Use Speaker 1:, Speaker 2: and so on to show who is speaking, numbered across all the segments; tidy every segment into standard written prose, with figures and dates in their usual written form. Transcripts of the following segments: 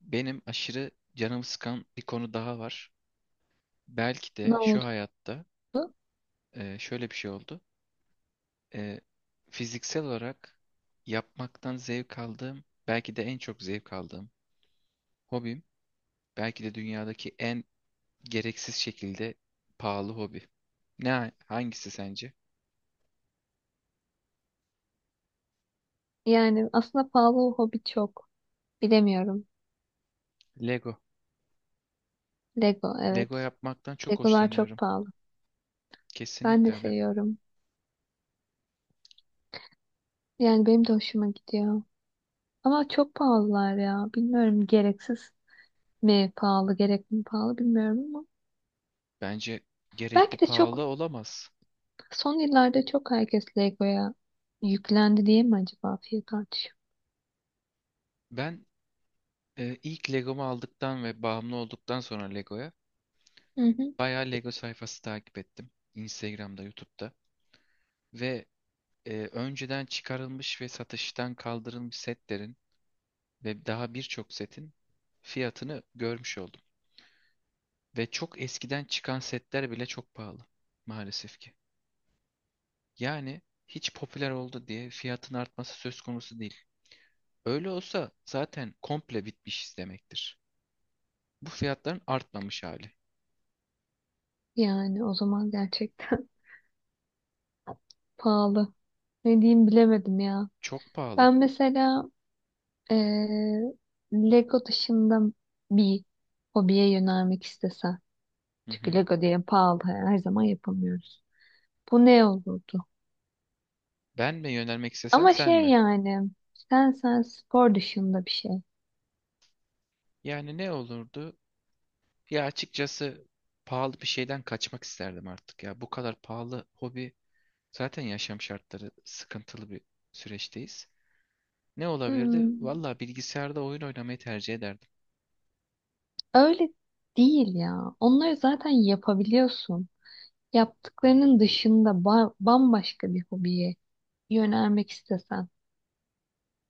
Speaker 1: Benim aşırı canımı sıkan bir konu daha var. Belki de
Speaker 2: Ne
Speaker 1: şu
Speaker 2: oldu?
Speaker 1: hayatta şöyle bir şey oldu. E, Fiziksel olarak yapmaktan zevk aldığım, belki de en çok zevk aldığım hobim, belki de dünyadaki en gereksiz şekilde pahalı hobi. Ne, hangisi sence?
Speaker 2: Yani aslında pahalı o hobi çok. Bilemiyorum.
Speaker 1: Lego.
Speaker 2: Lego
Speaker 1: Lego
Speaker 2: evet.
Speaker 1: yapmaktan çok
Speaker 2: Legolar çok
Speaker 1: hoşlanıyorum.
Speaker 2: pahalı. Ben
Speaker 1: Kesinlikle
Speaker 2: de
Speaker 1: öyle.
Speaker 2: seviyorum. Yani benim de hoşuma gidiyor. Ama çok pahalılar ya. Bilmiyorum gereksiz mi pahalı, gerekli mi pahalı bilmiyorum ama.
Speaker 1: Bence gerekli
Speaker 2: Belki de çok
Speaker 1: pahalı olamaz.
Speaker 2: son yıllarda çok herkes Lego'ya yüklendi diye mi acaba fiyat artışı?
Speaker 1: Ben ilk Legomu aldıktan ve bağımlı olduktan sonra Lego'ya
Speaker 2: Hı hı.
Speaker 1: bayağı Lego sayfası takip ettim. Instagram'da, YouTube'da. Ve önceden çıkarılmış ve satıştan kaldırılmış setlerin ve daha birçok setin fiyatını görmüş oldum. Ve çok eskiden çıkan setler bile çok pahalı maalesef ki. Yani hiç popüler oldu diye fiyatın artması söz konusu değil. Öyle olsa zaten komple bitmiş demektir. Bu fiyatların artmamış hali.
Speaker 2: Yani o zaman gerçekten pahalı. Ne diyeyim bilemedim ya.
Speaker 1: Çok pahalı.
Speaker 2: Ben mesela Ee, Lego dışında bir hobiye yönelmek istesen.
Speaker 1: Hı
Speaker 2: Çünkü
Speaker 1: hı.
Speaker 2: Lego diye pahalı her zaman yapamıyoruz. Bu ne olurdu?
Speaker 1: Ben mi yönelmek istesem
Speaker 2: Ama
Speaker 1: sen
Speaker 2: şey
Speaker 1: mi?
Speaker 2: yani sen spor dışında bir şey.
Speaker 1: Yani ne olurdu? Ya açıkçası pahalı bir şeyden kaçmak isterdim artık ya. Bu kadar pahalı hobi, zaten yaşam şartları sıkıntılı bir süreçteyiz. Ne olabilirdi?
Speaker 2: Hmm,
Speaker 1: Valla bilgisayarda oyun oynamayı tercih ederdim.
Speaker 2: öyle değil ya. Onları zaten yapabiliyorsun. Yaptıklarının dışında bambaşka bir hobiye yönelmek istesen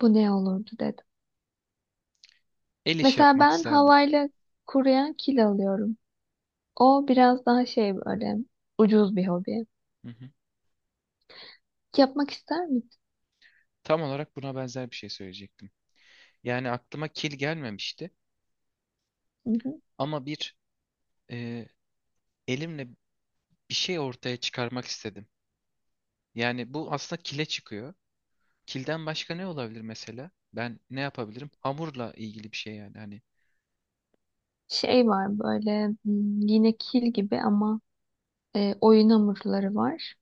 Speaker 2: bu ne olurdu dedim.
Speaker 1: El işi
Speaker 2: Mesela
Speaker 1: yapmak
Speaker 2: ben
Speaker 1: isterdim.
Speaker 2: havayla kuruyan kil alıyorum. O biraz daha şey böyle ucuz bir hobi.
Speaker 1: Hı hı.
Speaker 2: Yapmak ister misin?
Speaker 1: Tam olarak buna benzer bir şey söyleyecektim. Yani aklıma kil gelmemişti
Speaker 2: Hı hı.
Speaker 1: ama bir e, elimle bir şey ortaya çıkarmak istedim. Yani bu aslında kile çıkıyor. Kilden başka ne olabilir mesela? Ben ne yapabilirim? Hamurla ilgili bir şey yani. Hani
Speaker 2: Şey var böyle yine kil gibi ama oyun hamurları var.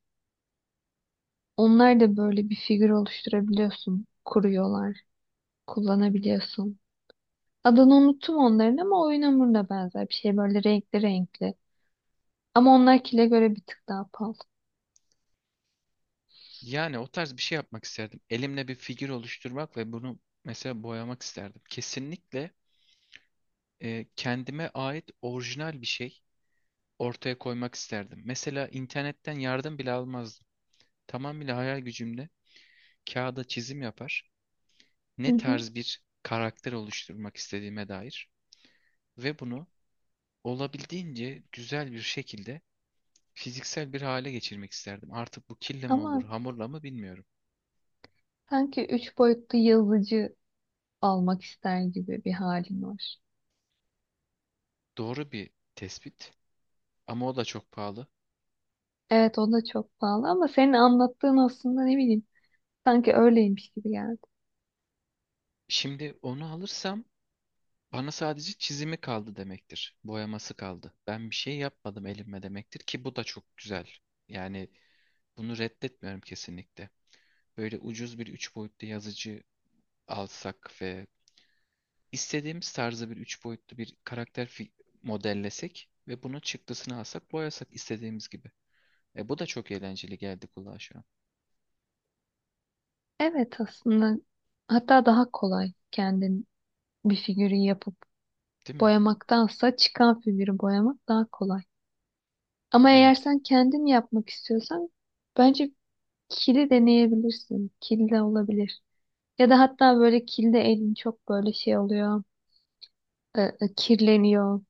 Speaker 2: Onlar da böyle bir figür oluşturabiliyorsun. Kuruyorlar. Kullanabiliyorsun. Adını unuttum onların ama oyun hamuruna benzer bir şey böyle renkli renkli. Ama onlar kile göre bir tık daha pahalı.
Speaker 1: yani o tarz bir şey yapmak isterdim. Elimle bir figür oluşturmak ve bunu mesela boyamak isterdim. Kesinlikle kendime ait orijinal bir şey ortaya koymak isterdim. Mesela internetten yardım bile almazdım. Tamamıyla hayal gücümle kağıda çizim yapar.
Speaker 2: Hı
Speaker 1: Ne
Speaker 2: hı.
Speaker 1: tarz bir karakter oluşturmak istediğime dair ve bunu olabildiğince güzel bir şekilde fiziksel bir hale geçirmek isterdim. Artık bu kille mi olur,
Speaker 2: Ama
Speaker 1: hamurla mı bilmiyorum.
Speaker 2: sanki üç boyutlu yazıcı almak ister gibi bir halin var.
Speaker 1: Doğru bir tespit ama o da çok pahalı.
Speaker 2: Evet o da çok pahalı ama senin anlattığın aslında ne bileyim sanki öyleymiş gibi geldi.
Speaker 1: Şimdi onu alırsam bana sadece çizimi kaldı demektir. Boyaması kaldı. Ben bir şey yapmadım elimle demektir ki bu da çok güzel. Yani bunu reddetmiyorum kesinlikle. Böyle ucuz bir üç boyutlu yazıcı alsak ve istediğimiz tarzda bir üç boyutlu bir karakter modellesek ve bunun çıktısını alsak boyasak istediğimiz gibi. E bu da çok eğlenceli geldi kulağa şu an.
Speaker 2: Evet aslında hatta daha kolay kendin bir figürü yapıp
Speaker 1: Değil mi?
Speaker 2: boyamaktansa çıkan figürü boyamak daha kolay. Ama eğer
Speaker 1: Evet.
Speaker 2: sen kendin yapmak istiyorsan bence kili deneyebilirsin. Kil de olabilir. Ya da hatta böyle kilde elin çok böyle şey oluyor. Kirleniyor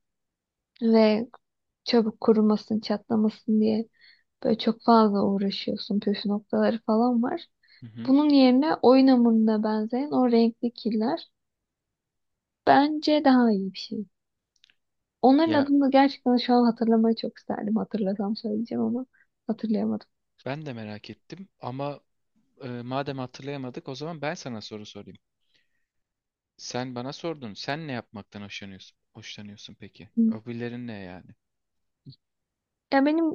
Speaker 2: ve çabuk kurumasın, çatlamasın diye böyle çok fazla uğraşıyorsun. Püf noktaları falan var.
Speaker 1: Hı hı.
Speaker 2: Bunun yerine oyun hamuruna benzeyen o renkli killer bence daha iyi bir şey. Onların
Speaker 1: Ya
Speaker 2: adını gerçekten şu an hatırlamayı çok isterdim. Hatırlasam söyleyeceğim ama hatırlayamadım.
Speaker 1: ben de merak ettim ama madem hatırlayamadık o zaman ben sana soru sorayım. Sen bana sordun. Sen ne yapmaktan hoşlanıyorsun? Hoşlanıyorsun peki.
Speaker 2: Hı.
Speaker 1: Hobilerin ne yani?
Speaker 2: Ya benim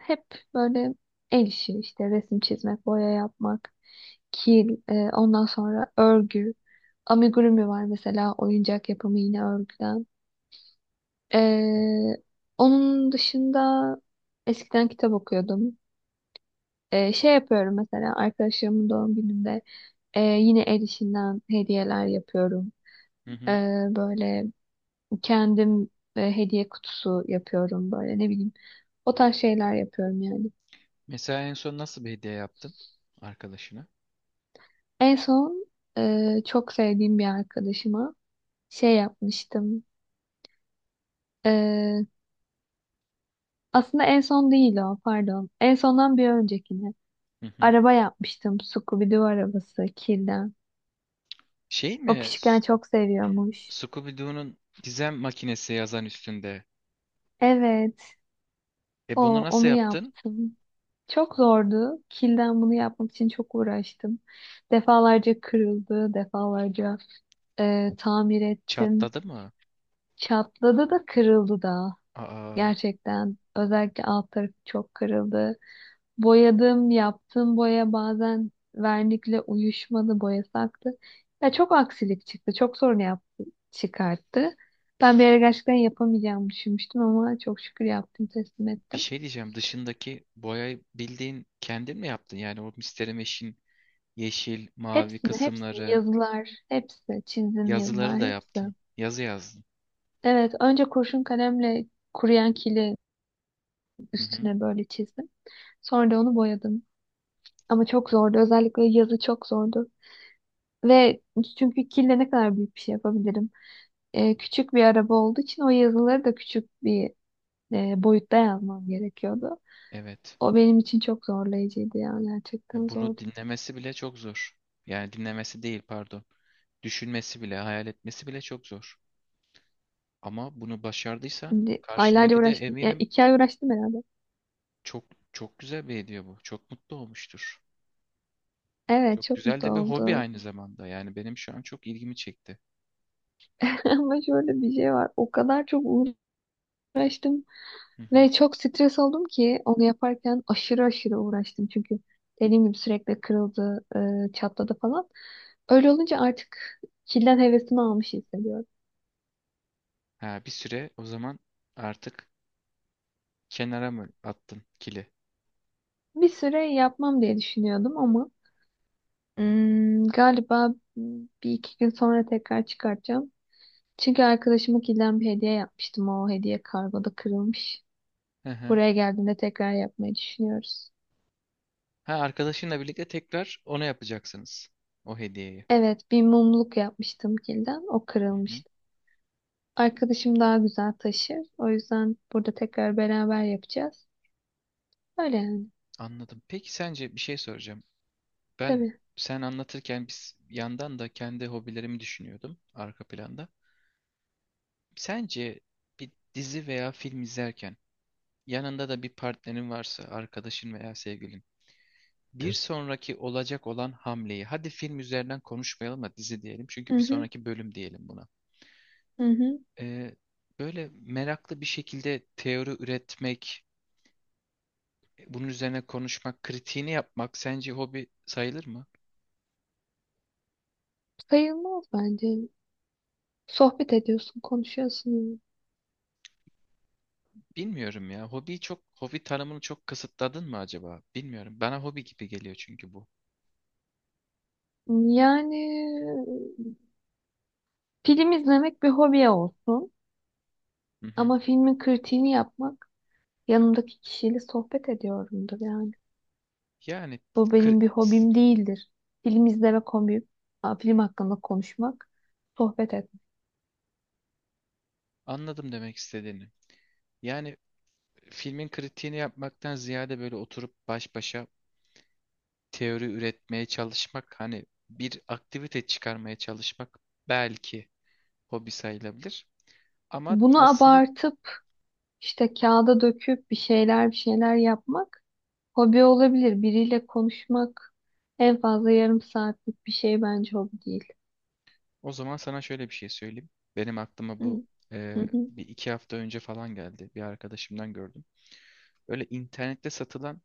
Speaker 2: hep böyle el işi işte resim çizmek, boya yapmak. Kil, ondan sonra örgü. Amigurumi var mesela oyuncak yapımı yine örgüden. E, onun dışında eskiden kitap okuyordum. Şey yapıyorum mesela arkadaşlarımın doğum gününde yine el işinden hediyeler yapıyorum.
Speaker 1: Hı
Speaker 2: E,
Speaker 1: hı.
Speaker 2: böyle kendim hediye kutusu yapıyorum böyle ne bileyim. O tarz şeyler yapıyorum yani.
Speaker 1: Mesela en son nasıl bir hediye yaptın arkadaşına?
Speaker 2: En son çok sevdiğim bir arkadaşıma şey yapmıştım. E, Aslında en son değil o, pardon. En sondan bir öncekini.
Speaker 1: Hı hı.
Speaker 2: Araba yapmıştım. Scooby-Doo arabası, kirden.
Speaker 1: Şey mi?
Speaker 2: O
Speaker 1: S-
Speaker 2: küçükken çok seviyormuş.
Speaker 1: Scooby-Doo'nun gizem makinesi yazan üstünde.
Speaker 2: Evet,
Speaker 1: E
Speaker 2: o,
Speaker 1: bunu nasıl
Speaker 2: onu
Speaker 1: yaptın?
Speaker 2: yaptım. Çok zordu. Kilden bunu yapmak için çok uğraştım. Defalarca kırıldı, defalarca tamir ettim.
Speaker 1: Çatladı mı?
Speaker 2: Çatladı da kırıldı da.
Speaker 1: Aa,
Speaker 2: Gerçekten. Özellikle alt tarafı çok kırıldı. Boyadım, yaptığım boya bazen vernikle uyuşmadı, boyası aktı. Ya çok aksilik çıktı, çok sorun yaptı, çıkarttı. Ben bir ara gerçekten yapamayacağımı düşünmüştüm ama çok şükür yaptım, teslim
Speaker 1: bir
Speaker 2: ettim.
Speaker 1: şey diyeceğim. Dışındaki boyayı bildiğin kendin mi yaptın? Yani o Mr. Mesh'in yeşil, mavi
Speaker 2: Hepsini, hepsini,
Speaker 1: kısımları,
Speaker 2: yazılar, hepsi, çizim
Speaker 1: yazıları
Speaker 2: yazılar,
Speaker 1: da
Speaker 2: hepsi.
Speaker 1: yaptın. Yazı yazdın.
Speaker 2: Evet, önce kurşun kalemle kuruyan kili
Speaker 1: Hı hı.
Speaker 2: üstüne böyle çizdim. Sonra da onu boyadım. Ama çok zordu, özellikle yazı çok zordu. Ve çünkü kille ne kadar büyük bir şey yapabilirim? Küçük bir araba olduğu için o yazıları da küçük bir boyutta yazmam gerekiyordu.
Speaker 1: Evet.
Speaker 2: O benim için çok zorlayıcıydı yani gerçekten
Speaker 1: Bunu
Speaker 2: zordu.
Speaker 1: dinlemesi bile çok zor. Yani dinlemesi değil pardon. Düşünmesi bile, hayal etmesi bile çok zor. Ama bunu başardıysan
Speaker 2: Şimdi aylarca
Speaker 1: karşındaki de
Speaker 2: uğraştım. Yani
Speaker 1: eminim
Speaker 2: iki ay uğraştım herhalde.
Speaker 1: çok çok güzel bir hediye bu. Çok mutlu olmuştur.
Speaker 2: Evet
Speaker 1: Çok
Speaker 2: çok
Speaker 1: güzel
Speaker 2: mutlu
Speaker 1: de bir hobi
Speaker 2: oldu.
Speaker 1: aynı zamanda. Yani benim şu an çok ilgimi çekti.
Speaker 2: Ama şöyle bir şey var. O kadar çok uğraştım
Speaker 1: Hı hı.
Speaker 2: ve çok stres oldum ki onu yaparken aşırı aşırı uğraştım. Çünkü dediğim gibi sürekli kırıldı, çatladı falan. Öyle olunca artık kilden hevesimi almış hissediyorum.
Speaker 1: Ha, bir süre o zaman artık kenara mı attın kili?
Speaker 2: Bir süre yapmam diye düşünüyordum ama galiba bir iki gün sonra tekrar çıkartacağım. Çünkü arkadaşıma kilden bir hediye yapmıştım. O hediye kargoda kırılmış.
Speaker 1: Hı hı.
Speaker 2: Buraya geldiğinde tekrar yapmayı düşünüyoruz.
Speaker 1: Ha, arkadaşınla birlikte tekrar ona yapacaksınız. O hediyeyi.
Speaker 2: Evet, bir mumluk yapmıştım kilden. O
Speaker 1: Hı hı.
Speaker 2: kırılmıştı. Arkadaşım daha güzel taşır. O yüzden burada tekrar beraber yapacağız. Öyle yani.
Speaker 1: Anladım. Peki sence bir şey soracağım. Ben
Speaker 2: Tabii.
Speaker 1: sen anlatırken biz yandan da kendi hobilerimi düşünüyordum arka planda. Sence bir dizi veya film izlerken yanında da bir partnerin varsa, arkadaşın veya sevgilin, bir sonraki olacak olan hamleyi, hadi film üzerinden konuşmayalım da dizi diyelim
Speaker 2: Hı
Speaker 1: çünkü bir
Speaker 2: hı,
Speaker 1: sonraki bölüm diyelim buna.
Speaker 2: hı hı.
Speaker 1: Ee, böyle meraklı bir şekilde teori üretmek, bunun üzerine konuşmak, kritiğini yapmak sence hobi sayılır mı?
Speaker 2: Sayılmaz bence. Sohbet ediyorsun, konuşuyorsun.
Speaker 1: Bilmiyorum ya. Hobi çok hobi tanımını çok kısıtladın mı acaba? Bilmiyorum. Bana hobi gibi geliyor çünkü bu.
Speaker 2: Yani film izlemek bir hobiye olsun.
Speaker 1: Hı hı.
Speaker 2: Ama filmin kritiğini yapmak yanımdaki kişiyle sohbet ediyorumdur yani.
Speaker 1: Yani
Speaker 2: Bu
Speaker 1: kri-
Speaker 2: benim bir
Speaker 1: s-
Speaker 2: hobim değildir. Film izlemek hobim, film hakkında konuşmak, sohbet etmek.
Speaker 1: anladım demek istediğini. Yani filmin kritiğini yapmaktan ziyade böyle oturup baş başa teori üretmeye çalışmak, hani bir aktivite çıkarmaya çalışmak belki hobi sayılabilir. Ama
Speaker 2: Bunu
Speaker 1: aslında
Speaker 2: abartıp işte kağıda döküp bir şeyler yapmak hobi olabilir. Biriyle konuşmak en fazla yarım saatlik bir şey bence hobi değil.
Speaker 1: o zaman sana şöyle bir şey söyleyeyim. Benim aklıma
Speaker 2: Hı
Speaker 1: bu
Speaker 2: hı. Hı.
Speaker 1: bir iki hafta önce falan geldi. Bir arkadaşımdan gördüm. Öyle internette satılan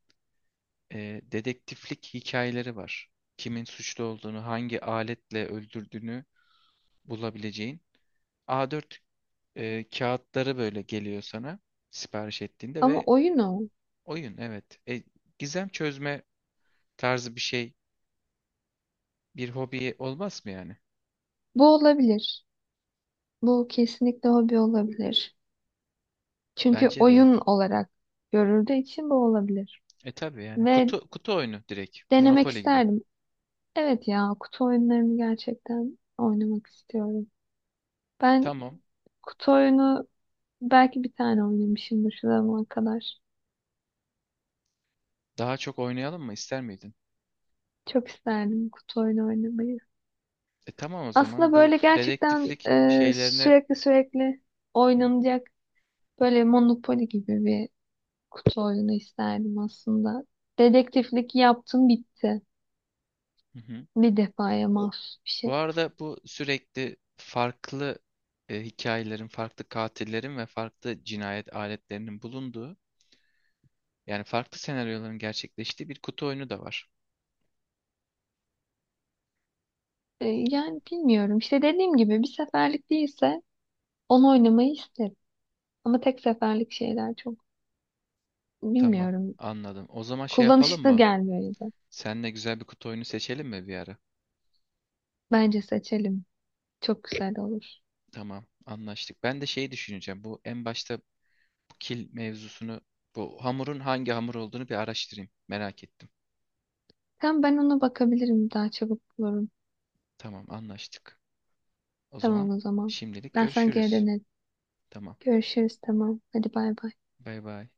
Speaker 1: dedektiflik hikayeleri var. Kimin suçlu olduğunu, hangi aletle öldürdüğünü bulabileceğin. A4 kağıtları böyle geliyor sana sipariş ettiğinde
Speaker 2: Ama
Speaker 1: ve
Speaker 2: oyun o.
Speaker 1: oyun evet. Gizem çözme tarzı bir şey bir hobi olmaz mı yani?
Speaker 2: Bu olabilir. Bu kesinlikle hobi olabilir. Çünkü
Speaker 1: Bence de.
Speaker 2: oyun olarak görüldüğü için bu olabilir.
Speaker 1: E tabii yani
Speaker 2: Ve
Speaker 1: kutu oyunu direkt.
Speaker 2: denemek
Speaker 1: Monopoly gibi.
Speaker 2: isterdim. Evet ya kutu oyunlarını gerçekten oynamak istiyorum. Ben
Speaker 1: Tamam.
Speaker 2: kutu oyunu belki bir tane oynamışımdır şu zamana kadar.
Speaker 1: Daha çok oynayalım mı ister miydin?
Speaker 2: Çok isterdim kutu oyunu oynamayı.
Speaker 1: E tamam o
Speaker 2: Aslında
Speaker 1: zaman bu
Speaker 2: böyle gerçekten
Speaker 1: dedektiflik şeylerine
Speaker 2: sürekli oynanacak böyle Monopoly gibi bir kutu oyunu isterdim aslında. Dedektiflik yaptım bitti. Bir defaya mahsus bir
Speaker 1: Bu
Speaker 2: şey.
Speaker 1: arada bu sürekli farklı hikayelerin, farklı katillerin ve farklı cinayet aletlerinin bulunduğu, yani farklı senaryoların gerçekleştiği bir kutu oyunu da var.
Speaker 2: Yani bilmiyorum. İşte dediğim gibi bir seferlik değilse onu oynamayı isterim. Ama tek seferlik şeyler çok
Speaker 1: Tamam,
Speaker 2: bilmiyorum.
Speaker 1: anladım. O zaman şey yapalım
Speaker 2: Kullanışlı
Speaker 1: mı?
Speaker 2: gelmiyor ya da.
Speaker 1: Seninle güzel bir kutu oyunu seçelim mi bir ara?
Speaker 2: Bence seçelim. Çok güzel olur.
Speaker 1: Tamam, anlaştık. Ben de şeyi düşüneceğim. Bu en başta bu kil mevzusunu, bu hamurun hangi hamur olduğunu bir araştırayım. Merak ettim.
Speaker 2: Tamam ben ona bakabilirim. Daha çabuk bulurum.
Speaker 1: Tamam, anlaştık. O zaman
Speaker 2: Tamam o zaman.
Speaker 1: şimdilik
Speaker 2: Ben sana geri
Speaker 1: görüşürüz.
Speaker 2: dönerim.
Speaker 1: Tamam,
Speaker 2: Görüşürüz tamam. Hadi bay bay.
Speaker 1: bay bay.